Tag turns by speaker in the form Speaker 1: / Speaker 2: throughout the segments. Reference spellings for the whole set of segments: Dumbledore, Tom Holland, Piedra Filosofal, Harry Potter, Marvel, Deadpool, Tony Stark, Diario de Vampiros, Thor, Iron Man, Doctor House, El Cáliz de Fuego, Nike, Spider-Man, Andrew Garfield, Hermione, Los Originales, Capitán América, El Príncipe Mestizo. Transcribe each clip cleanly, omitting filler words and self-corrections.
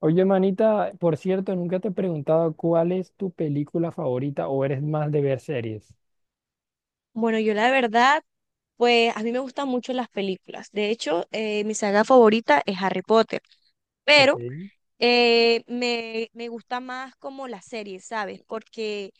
Speaker 1: Oye, manita, por cierto, nunca te he preguntado cuál es tu película favorita o eres más de ver series.
Speaker 2: Bueno, yo la verdad, pues a mí me gustan mucho las películas. De hecho, mi saga favorita es Harry Potter,
Speaker 1: Ok.
Speaker 2: pero me gusta más como las series, ¿sabes? Porque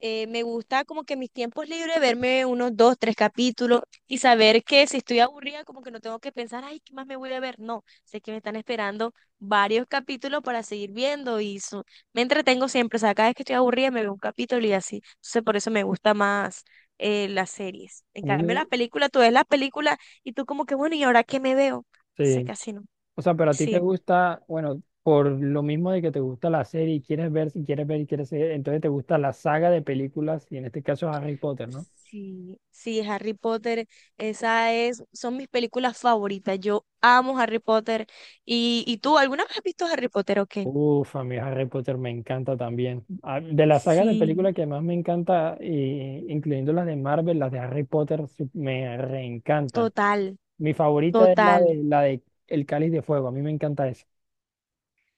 Speaker 2: me gusta como que mis tiempos libres verme unos dos, tres capítulos y saber que si estoy aburrida como que no tengo que pensar, ay, ¿qué más me voy a ver? No, sé que me están esperando varios capítulos para seguir viendo y me entretengo siempre, o sea, cada vez que estoy aburrida me veo un capítulo y así. Entonces por eso me gusta más las series. En
Speaker 1: A mí
Speaker 2: cambio,
Speaker 1: me...
Speaker 2: las películas, tú ves las películas y tú como que, bueno, ¿y ahora qué me veo? Sé
Speaker 1: Sí.
Speaker 2: casi no.
Speaker 1: O sea, pero a ti te
Speaker 2: Sí.
Speaker 1: gusta, bueno, por lo mismo de que te gusta la serie y quieres ver, si quieres ver y quieres ver, entonces te gusta la saga de películas y en este caso Harry Potter, ¿no?
Speaker 2: Sí, sí, Harry Potter, esa es, son mis películas favoritas. Yo amo Harry Potter. ¿Y tú, alguna vez has visto Harry Potter o qué?
Speaker 1: Uf, a mí Harry Potter me encanta también. Ah, de la saga de
Speaker 2: Sí,
Speaker 1: películas que más me encanta, incluyendo las de Marvel, las de Harry Potter, sí, me reencantan.
Speaker 2: total,
Speaker 1: Mi favorita es la de
Speaker 2: total.
Speaker 1: la de El Cáliz de Fuego. A mí me encanta esa.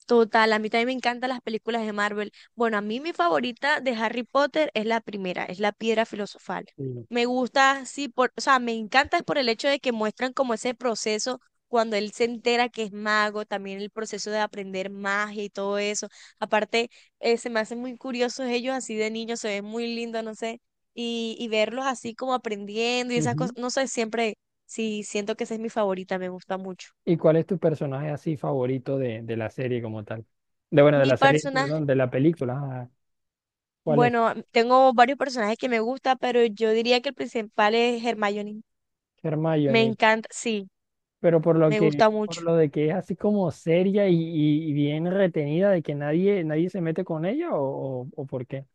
Speaker 2: Total, a mí también me encantan las películas de Marvel. Bueno, a mí mi favorita de Harry Potter es la primera, es la Piedra Filosofal.
Speaker 1: Sí.
Speaker 2: Me gusta, sí, por, o sea, me encanta por el hecho de que muestran como ese proceso cuando él se entera que es mago, también el proceso de aprender magia y todo eso. Aparte, se me hacen muy curiosos ellos así de niños, se ven muy lindos, no sé, y verlos así como aprendiendo y esas cosas,
Speaker 1: Ujú.
Speaker 2: no sé, siempre, sí, siento que esa es mi favorita, me gusta mucho.
Speaker 1: ¿Y cuál es tu personaje así favorito de la serie como tal? De Bueno, de
Speaker 2: Mi
Speaker 1: la serie,
Speaker 2: personaje
Speaker 1: perdón, de la película. Ah, ¿cuál es?
Speaker 2: Bueno, tengo varios personajes que me gusta, pero yo diría que el principal es Hermione. Me
Speaker 1: Hermione.
Speaker 2: encanta, sí,
Speaker 1: Pero
Speaker 2: me gusta
Speaker 1: por
Speaker 2: mucho.
Speaker 1: lo de que es así como seria y bien retenida, de que nadie se mete con ella, o por qué?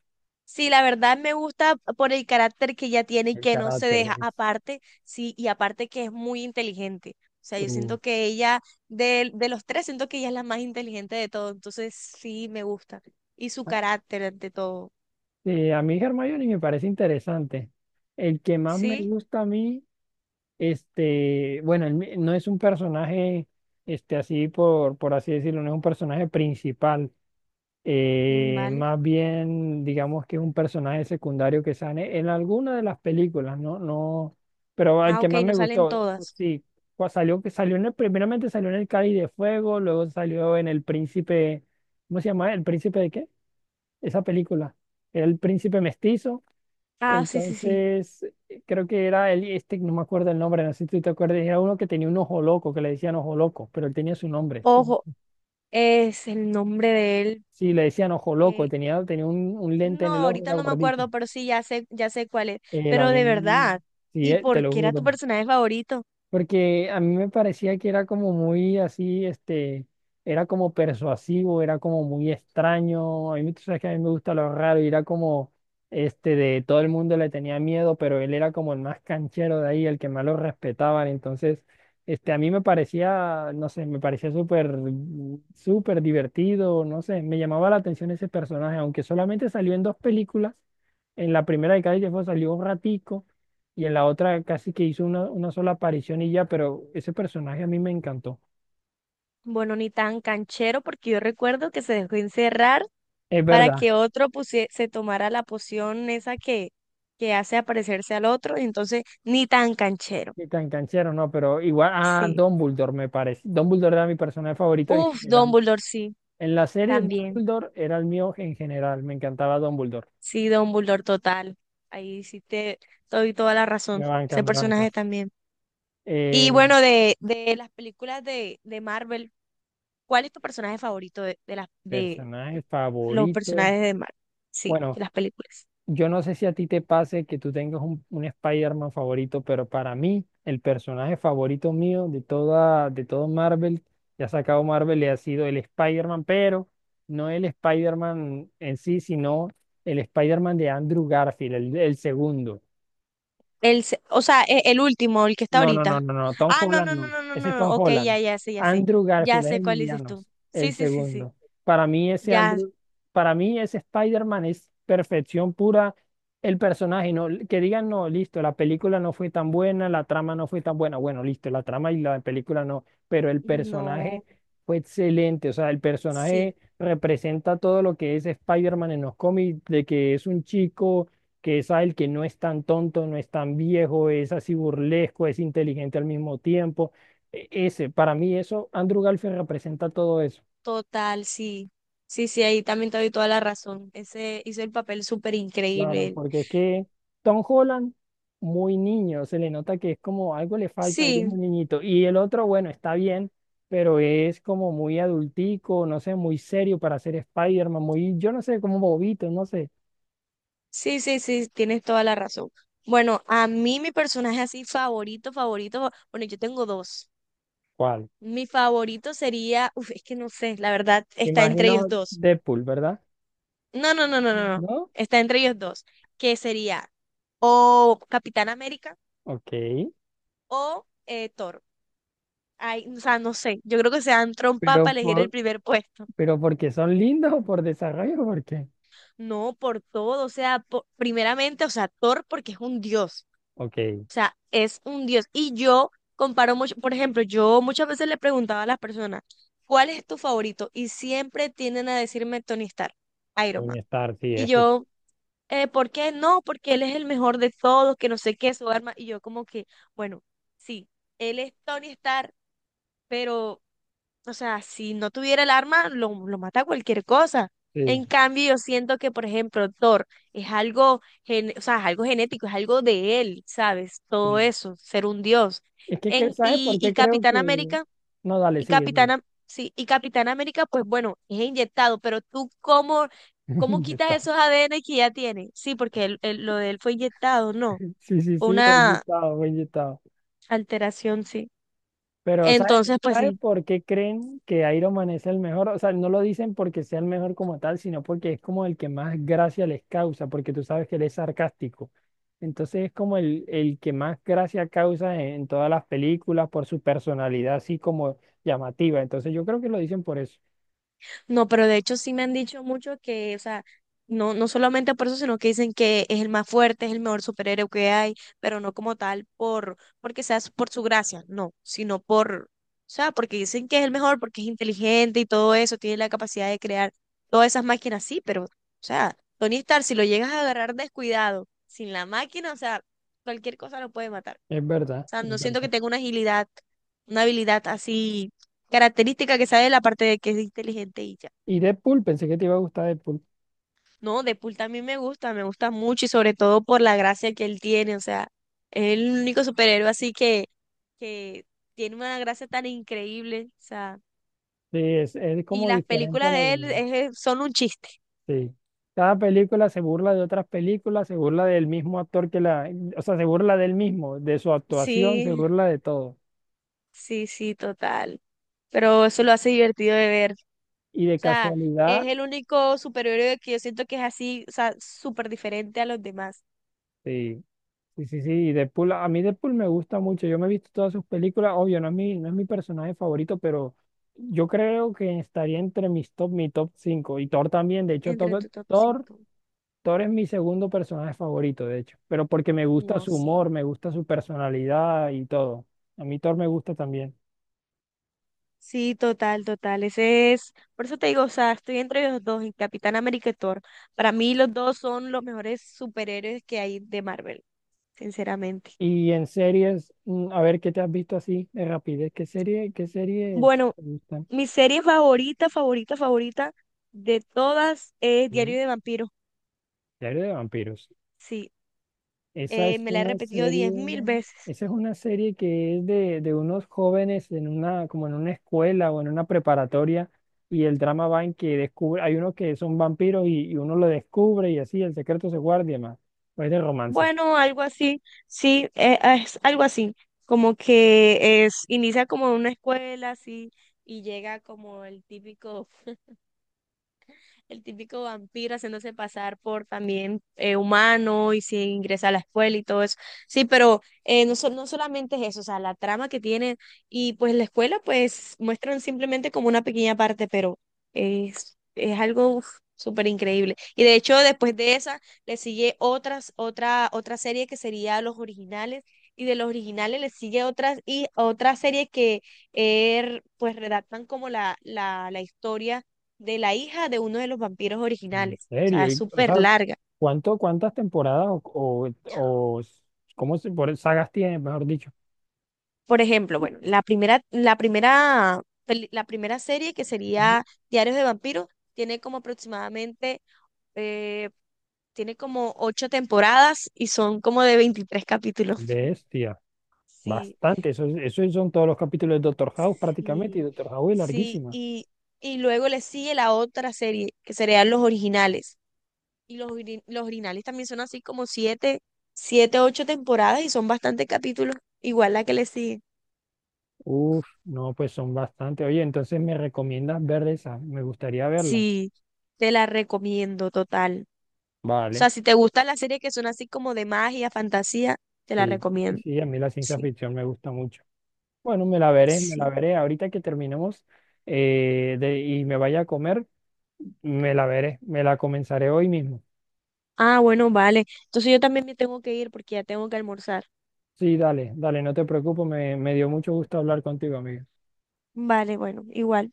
Speaker 2: Sí, la verdad me gusta por el carácter que ella tiene y
Speaker 1: El
Speaker 2: que no se
Speaker 1: carácter
Speaker 2: deja.
Speaker 1: es.
Speaker 2: Aparte, sí, y aparte que es muy inteligente. O sea, yo
Speaker 1: Uh.
Speaker 2: siento que ella, de los tres, siento que ella es la más inteligente de todos. Entonces, sí, me gusta. Y su carácter ante todo.
Speaker 1: A mí Hermione me parece interesante. El que más me
Speaker 2: Sí,
Speaker 1: gusta a mí. Bueno, no es un personaje, así por así decirlo, no es un personaje principal.
Speaker 2: mm, vale.
Speaker 1: Más bien, digamos que es un personaje secundario que sale en alguna de las películas, ¿no? No, pero el
Speaker 2: Ah,
Speaker 1: que
Speaker 2: ok,
Speaker 1: más me
Speaker 2: no salen
Speaker 1: gustó,
Speaker 2: todas.
Speaker 1: sí, salió, que salió en primeramente salió en el Cáliz de Fuego, luego salió en El Príncipe, ¿cómo se llama? ¿El Príncipe de qué? Esa película. Era el Príncipe Mestizo.
Speaker 2: Ah, sí, sí, sí.
Speaker 1: Entonces, creo que era él, no me acuerdo el nombre, no sé si tú te acuerdas, era uno que tenía un ojo loco, que le decían ojo loco, pero él tenía su nombre.
Speaker 2: Ojo, es el nombre de él.
Speaker 1: Sí, le decían ojo loco,
Speaker 2: eh,
Speaker 1: tenía un lente
Speaker 2: No,
Speaker 1: en el ojo,
Speaker 2: ahorita
Speaker 1: era
Speaker 2: no me
Speaker 1: gordito.
Speaker 2: acuerdo, pero sí, ya sé cuál es. Pero de verdad,
Speaker 1: Sí,
Speaker 2: ¿y
Speaker 1: te
Speaker 2: por
Speaker 1: lo
Speaker 2: qué era tu
Speaker 1: juro.
Speaker 2: personaje favorito?
Speaker 1: Porque a mí me parecía que era como muy así, era como persuasivo, era como muy extraño. A mí, tú sabes que a mí me gusta lo raro y era como, de todo el mundo le tenía miedo, pero él era como el más canchero de ahí, el que más lo respetaban. Entonces, a mí me parecía, no sé, me parecía súper, súper divertido, no sé, me llamaba la atención ese personaje, aunque solamente salió en dos películas. En la primera de Cali que fue salió un ratico y en la otra casi que hizo una sola aparición y ya, pero ese personaje a mí me encantó.
Speaker 2: Bueno, ni tan canchero, porque yo recuerdo que se dejó encerrar
Speaker 1: Es
Speaker 2: para
Speaker 1: verdad,
Speaker 2: que otro se tomara la poción esa que hace aparecerse al otro, y entonces ni tan canchero.
Speaker 1: que tan canchero, no, pero igual,
Speaker 2: Sí.
Speaker 1: Dumbledore me parece. Dumbledore era mi personaje favorito en
Speaker 2: Uf,
Speaker 1: general.
Speaker 2: Dumbledore, sí,
Speaker 1: En la serie,
Speaker 2: también.
Speaker 1: Dumbledore era el mío en general, me encantaba Dumbledore.
Speaker 2: Sí, Dumbledore, total. Ahí sí te doy toda la
Speaker 1: Me
Speaker 2: razón.
Speaker 1: bancas,
Speaker 2: Ese
Speaker 1: me
Speaker 2: personaje
Speaker 1: bancas.
Speaker 2: también. Y
Speaker 1: Eh,
Speaker 2: bueno, de las películas de Marvel. ¿Cuál es tu personaje favorito de
Speaker 1: Personaje
Speaker 2: los
Speaker 1: favorito.
Speaker 2: personajes de Marvel? Sí, de
Speaker 1: Bueno,
Speaker 2: las películas.
Speaker 1: yo no sé si a ti te pase que tú tengas un Spider-Man favorito, pero para mí, el personaje favorito mío de todo Marvel, que ha sacado Marvel, le ha sido el Spider-Man, pero no el Spider-Man en sí, sino el Spider-Man de Andrew Garfield, el segundo.
Speaker 2: O sea, último, el que está
Speaker 1: No, no, no,
Speaker 2: ahorita.
Speaker 1: no, no. Tom
Speaker 2: Ah, no,
Speaker 1: Holland
Speaker 2: no, no,
Speaker 1: no.
Speaker 2: no, no,
Speaker 1: Ese
Speaker 2: no,
Speaker 1: es
Speaker 2: no,
Speaker 1: Tom
Speaker 2: ok,
Speaker 1: Holland.
Speaker 2: ya, ya sé, ya sé.
Speaker 1: Andrew
Speaker 2: Ya
Speaker 1: Garfield es
Speaker 2: sé
Speaker 1: el
Speaker 2: cuál dices
Speaker 1: mediano,
Speaker 2: tú. Sí,
Speaker 1: el
Speaker 2: sí, sí, sí.
Speaker 1: segundo. Para mí ese
Speaker 2: Ya,
Speaker 1: Andrew, para mí ese Spider-Man es perfección pura. El personaje, no, que digan, no, listo, la película no fue tan buena, la trama no fue tan buena. Bueno, listo, la trama y la película no, pero el personaje
Speaker 2: no,
Speaker 1: fue excelente. O sea, el
Speaker 2: sí,
Speaker 1: personaje representa todo lo que es Spider-Man en los cómics, de que es un chico que es el que no es tan tonto, no es tan viejo, es así burlesco, es inteligente al mismo tiempo. Ese, para mí eso, Andrew Garfield representa todo eso,
Speaker 2: total, sí. Sí, sí, ahí también te doy toda la razón. Ese hizo el papel súper increíble.
Speaker 1: claro,
Speaker 2: Él.
Speaker 1: porque es que Tom Holland, muy niño, se le nota que es como algo le falta y es
Speaker 2: Sí,
Speaker 1: muy niñito. Y el otro, bueno, está bien, pero es como muy adultico, no sé, muy serio para ser Spider-Man, muy, yo no sé, como bobito, no sé.
Speaker 2: sí, sí, sí, tienes toda la razón. Bueno, a mí mi personaje así favorito, favorito, bueno, yo tengo dos.
Speaker 1: ¿Cuál?
Speaker 2: Mi favorito sería, uf, es que no sé, la verdad, está entre ellos
Speaker 1: Imagino
Speaker 2: dos.
Speaker 1: Deadpool, ¿verdad?
Speaker 2: No, no, no, no, no, no.
Speaker 1: ¿No?
Speaker 2: Está entre ellos dos, que sería o Capitán América
Speaker 1: Ok.
Speaker 2: o Thor. Ay, o sea, no sé, yo creo que se dan trompa para
Speaker 1: Pero,
Speaker 2: elegir el primer puesto.
Speaker 1: ¿pero porque son lindos o por desarrollo o por qué?
Speaker 2: No, por todo, o sea, primeramente, o sea, Thor porque es un dios,
Speaker 1: Ok,
Speaker 2: o sea, es un dios. Y yo comparo mucho, por ejemplo, yo muchas veces le preguntaba a las personas, ¿cuál es tu favorito? Y siempre tienden a decirme Tony Stark, Iron Man.
Speaker 1: Tony Stark, sí,
Speaker 2: Y
Speaker 1: es que
Speaker 2: yo, ¿por qué no? Porque él es el mejor de todos, que no sé qué, su arma. Y yo como que, bueno, sí, él es Tony Stark, pero, o sea, si no tuviera el arma, lo mata cualquier cosa. En
Speaker 1: sí,
Speaker 2: cambio, yo siento que, por ejemplo, Thor es algo, o sea, es algo genético, es algo de él, ¿sabes? Todo
Speaker 1: sí.
Speaker 2: eso, ser un dios.
Speaker 1: Es que, ¿sabes
Speaker 2: Y,
Speaker 1: por
Speaker 2: y
Speaker 1: qué creo
Speaker 2: Capitán
Speaker 1: que?
Speaker 2: América
Speaker 1: No, dale,
Speaker 2: y
Speaker 1: sigue, sigue.
Speaker 2: Sí, y Capitán América, pues bueno, es inyectado, pero tú cómo, cómo quitas
Speaker 1: está.
Speaker 2: esos ADN que ya tiene. Sí, porque lo de él fue inyectado, no.
Speaker 1: Sí, sí,
Speaker 2: Fue
Speaker 1: sí, buen
Speaker 2: una
Speaker 1: yutao, buen yutao.
Speaker 2: alteración, sí.
Speaker 1: Pero ¿sabes
Speaker 2: Entonces, pues
Speaker 1: sabe
Speaker 2: sí.
Speaker 1: por qué creen que Iron Man es el mejor? O sea, no lo dicen porque sea el mejor como tal, sino porque es como el que más gracia les causa, porque tú sabes que él es sarcástico. Entonces es como el que más gracia causa en todas las películas por su personalidad así como llamativa. Entonces yo creo que lo dicen por eso.
Speaker 2: No, pero de hecho sí me han dicho mucho que, o sea, no, no solamente por eso, sino que dicen que es el más fuerte, es el mejor superhéroe que hay, pero no como tal por, porque sea su- por su gracia, no, sino por, o sea, porque dicen que es el mejor, porque es inteligente y todo eso, tiene la capacidad de crear todas esas máquinas, sí, pero, o sea, Tony Stark, si lo llegas a agarrar descuidado, sin la máquina, o sea, cualquier cosa lo puede matar.
Speaker 1: Es
Speaker 2: O
Speaker 1: verdad,
Speaker 2: sea, no
Speaker 1: es
Speaker 2: siento que
Speaker 1: verdad.
Speaker 2: tenga una agilidad, una habilidad así característica que sabe la parte de que es inteligente y ya.
Speaker 1: Y Deadpool, pensé que te iba a gustar Deadpool.
Speaker 2: No, Deadpool también me gusta mucho y sobre todo por la gracia que él tiene, o sea, es el único superhéroe así que tiene una gracia tan increíble, o sea,
Speaker 1: Sí, es
Speaker 2: y
Speaker 1: como
Speaker 2: las
Speaker 1: diferente a
Speaker 2: películas
Speaker 1: la
Speaker 2: de él
Speaker 1: de.
Speaker 2: son un chiste.
Speaker 1: Sí. Cada película se burla de otras películas, se burla del mismo actor que la, o sea, se burla del mismo, de su actuación, se
Speaker 2: Sí,
Speaker 1: burla de todo.
Speaker 2: sí, sí, total, pero eso lo hace divertido de ver, o
Speaker 1: Y de
Speaker 2: sea,
Speaker 1: casualidad,
Speaker 2: es el único superhéroe que yo siento que es así, o sea, súper diferente a los demás.
Speaker 1: sí, sí, sí, sí, y Deadpool, a mí Deadpool me gusta mucho, yo me he visto todas sus películas, obvio, no es mi personaje favorito, pero yo creo que estaría entre mis top, mi top 5. Y Thor también, de hecho,
Speaker 2: Entre
Speaker 1: Thor,
Speaker 2: tu top
Speaker 1: Thor,
Speaker 2: 5
Speaker 1: Thor es mi segundo personaje favorito, de hecho, pero porque me gusta
Speaker 2: no
Speaker 1: su
Speaker 2: sé.
Speaker 1: humor, me gusta su personalidad y todo. A mí Thor me gusta también.
Speaker 2: Sí, total, total. Ese es, por eso te digo, o sea, estoy entre los dos, en Capitán América y Thor. Para mí los dos son los mejores superhéroes que hay de Marvel, sinceramente.
Speaker 1: Y en series, a ver qué te has visto así de rapidez. ¿Qué series
Speaker 2: Bueno,
Speaker 1: te gustan?
Speaker 2: mi serie favorita, favorita, favorita de todas es
Speaker 1: Mm.
Speaker 2: Diario de Vampiros.
Speaker 1: Serie de vampiros.
Speaker 2: Sí,
Speaker 1: Esa es
Speaker 2: me la he
Speaker 1: una
Speaker 2: repetido
Speaker 1: serie,
Speaker 2: 10.000 veces.
Speaker 1: esa es una serie que es de unos jóvenes en como en una escuela o en una preparatoria, y el drama va en que descubre, hay uno que son vampiros y uno lo descubre y así el secreto se guarda y demás. Pues de romance.
Speaker 2: Bueno, algo así, sí, es algo así, como que es, inicia como en una escuela, así, y llega como el típico vampiro haciéndose pasar por también humano y se ingresa a la escuela y todo eso. Sí, pero no, no solamente es eso, o sea, la trama que tiene y pues la escuela pues muestran simplemente como una pequeña parte, pero es algo uf, súper increíble. Y de hecho después de esa le sigue otra serie que sería Los Originales. Y de los originales le sigue otra serie que er pues redactan como la historia de la hija de uno de los vampiros
Speaker 1: En
Speaker 2: originales. O sea,
Speaker 1: serio,
Speaker 2: es
Speaker 1: y, o
Speaker 2: súper
Speaker 1: sea,
Speaker 2: larga.
Speaker 1: cuántas temporadas o por sagas tiene, mejor dicho?
Speaker 2: Por ejemplo, bueno, la primera serie que sería Diarios de Vampiros tiene como aproximadamente, eh, tiene como 8 temporadas y son como de 23 capítulos.
Speaker 1: Bestia,
Speaker 2: Sí,
Speaker 1: bastante. Eso son todos los capítulos de Doctor House prácticamente y
Speaker 2: sí,
Speaker 1: Doctor House es
Speaker 2: sí.
Speaker 1: larguísima.
Speaker 2: Y luego le sigue la otra serie que serían los originales. Y los, los originales también son así como siete, 8 temporadas y son bastantes capítulos, igual la que le sigue.
Speaker 1: Uf, no, pues son bastante. Oye, entonces me recomiendas ver esa. Me gustaría verla.
Speaker 2: Sí, te la recomiendo total. O
Speaker 1: Vale.
Speaker 2: sea, si te gustan las series que son así como de magia, fantasía, te la
Speaker 1: Sí, sí,
Speaker 2: recomiendo.
Speaker 1: sí, a mí la ciencia
Speaker 2: Sí,
Speaker 1: ficción me gusta mucho. Bueno, me la veré, me
Speaker 2: sí.
Speaker 1: la veré. Ahorita que terminemos y me vaya a comer, me la veré. Me la comenzaré hoy mismo.
Speaker 2: Ah, bueno, vale. Entonces yo también me tengo que ir porque ya tengo que almorzar.
Speaker 1: Sí, dale, dale, no te preocupes. Me dio mucho gusto hablar contigo, amigo.
Speaker 2: Vale, bueno, igual.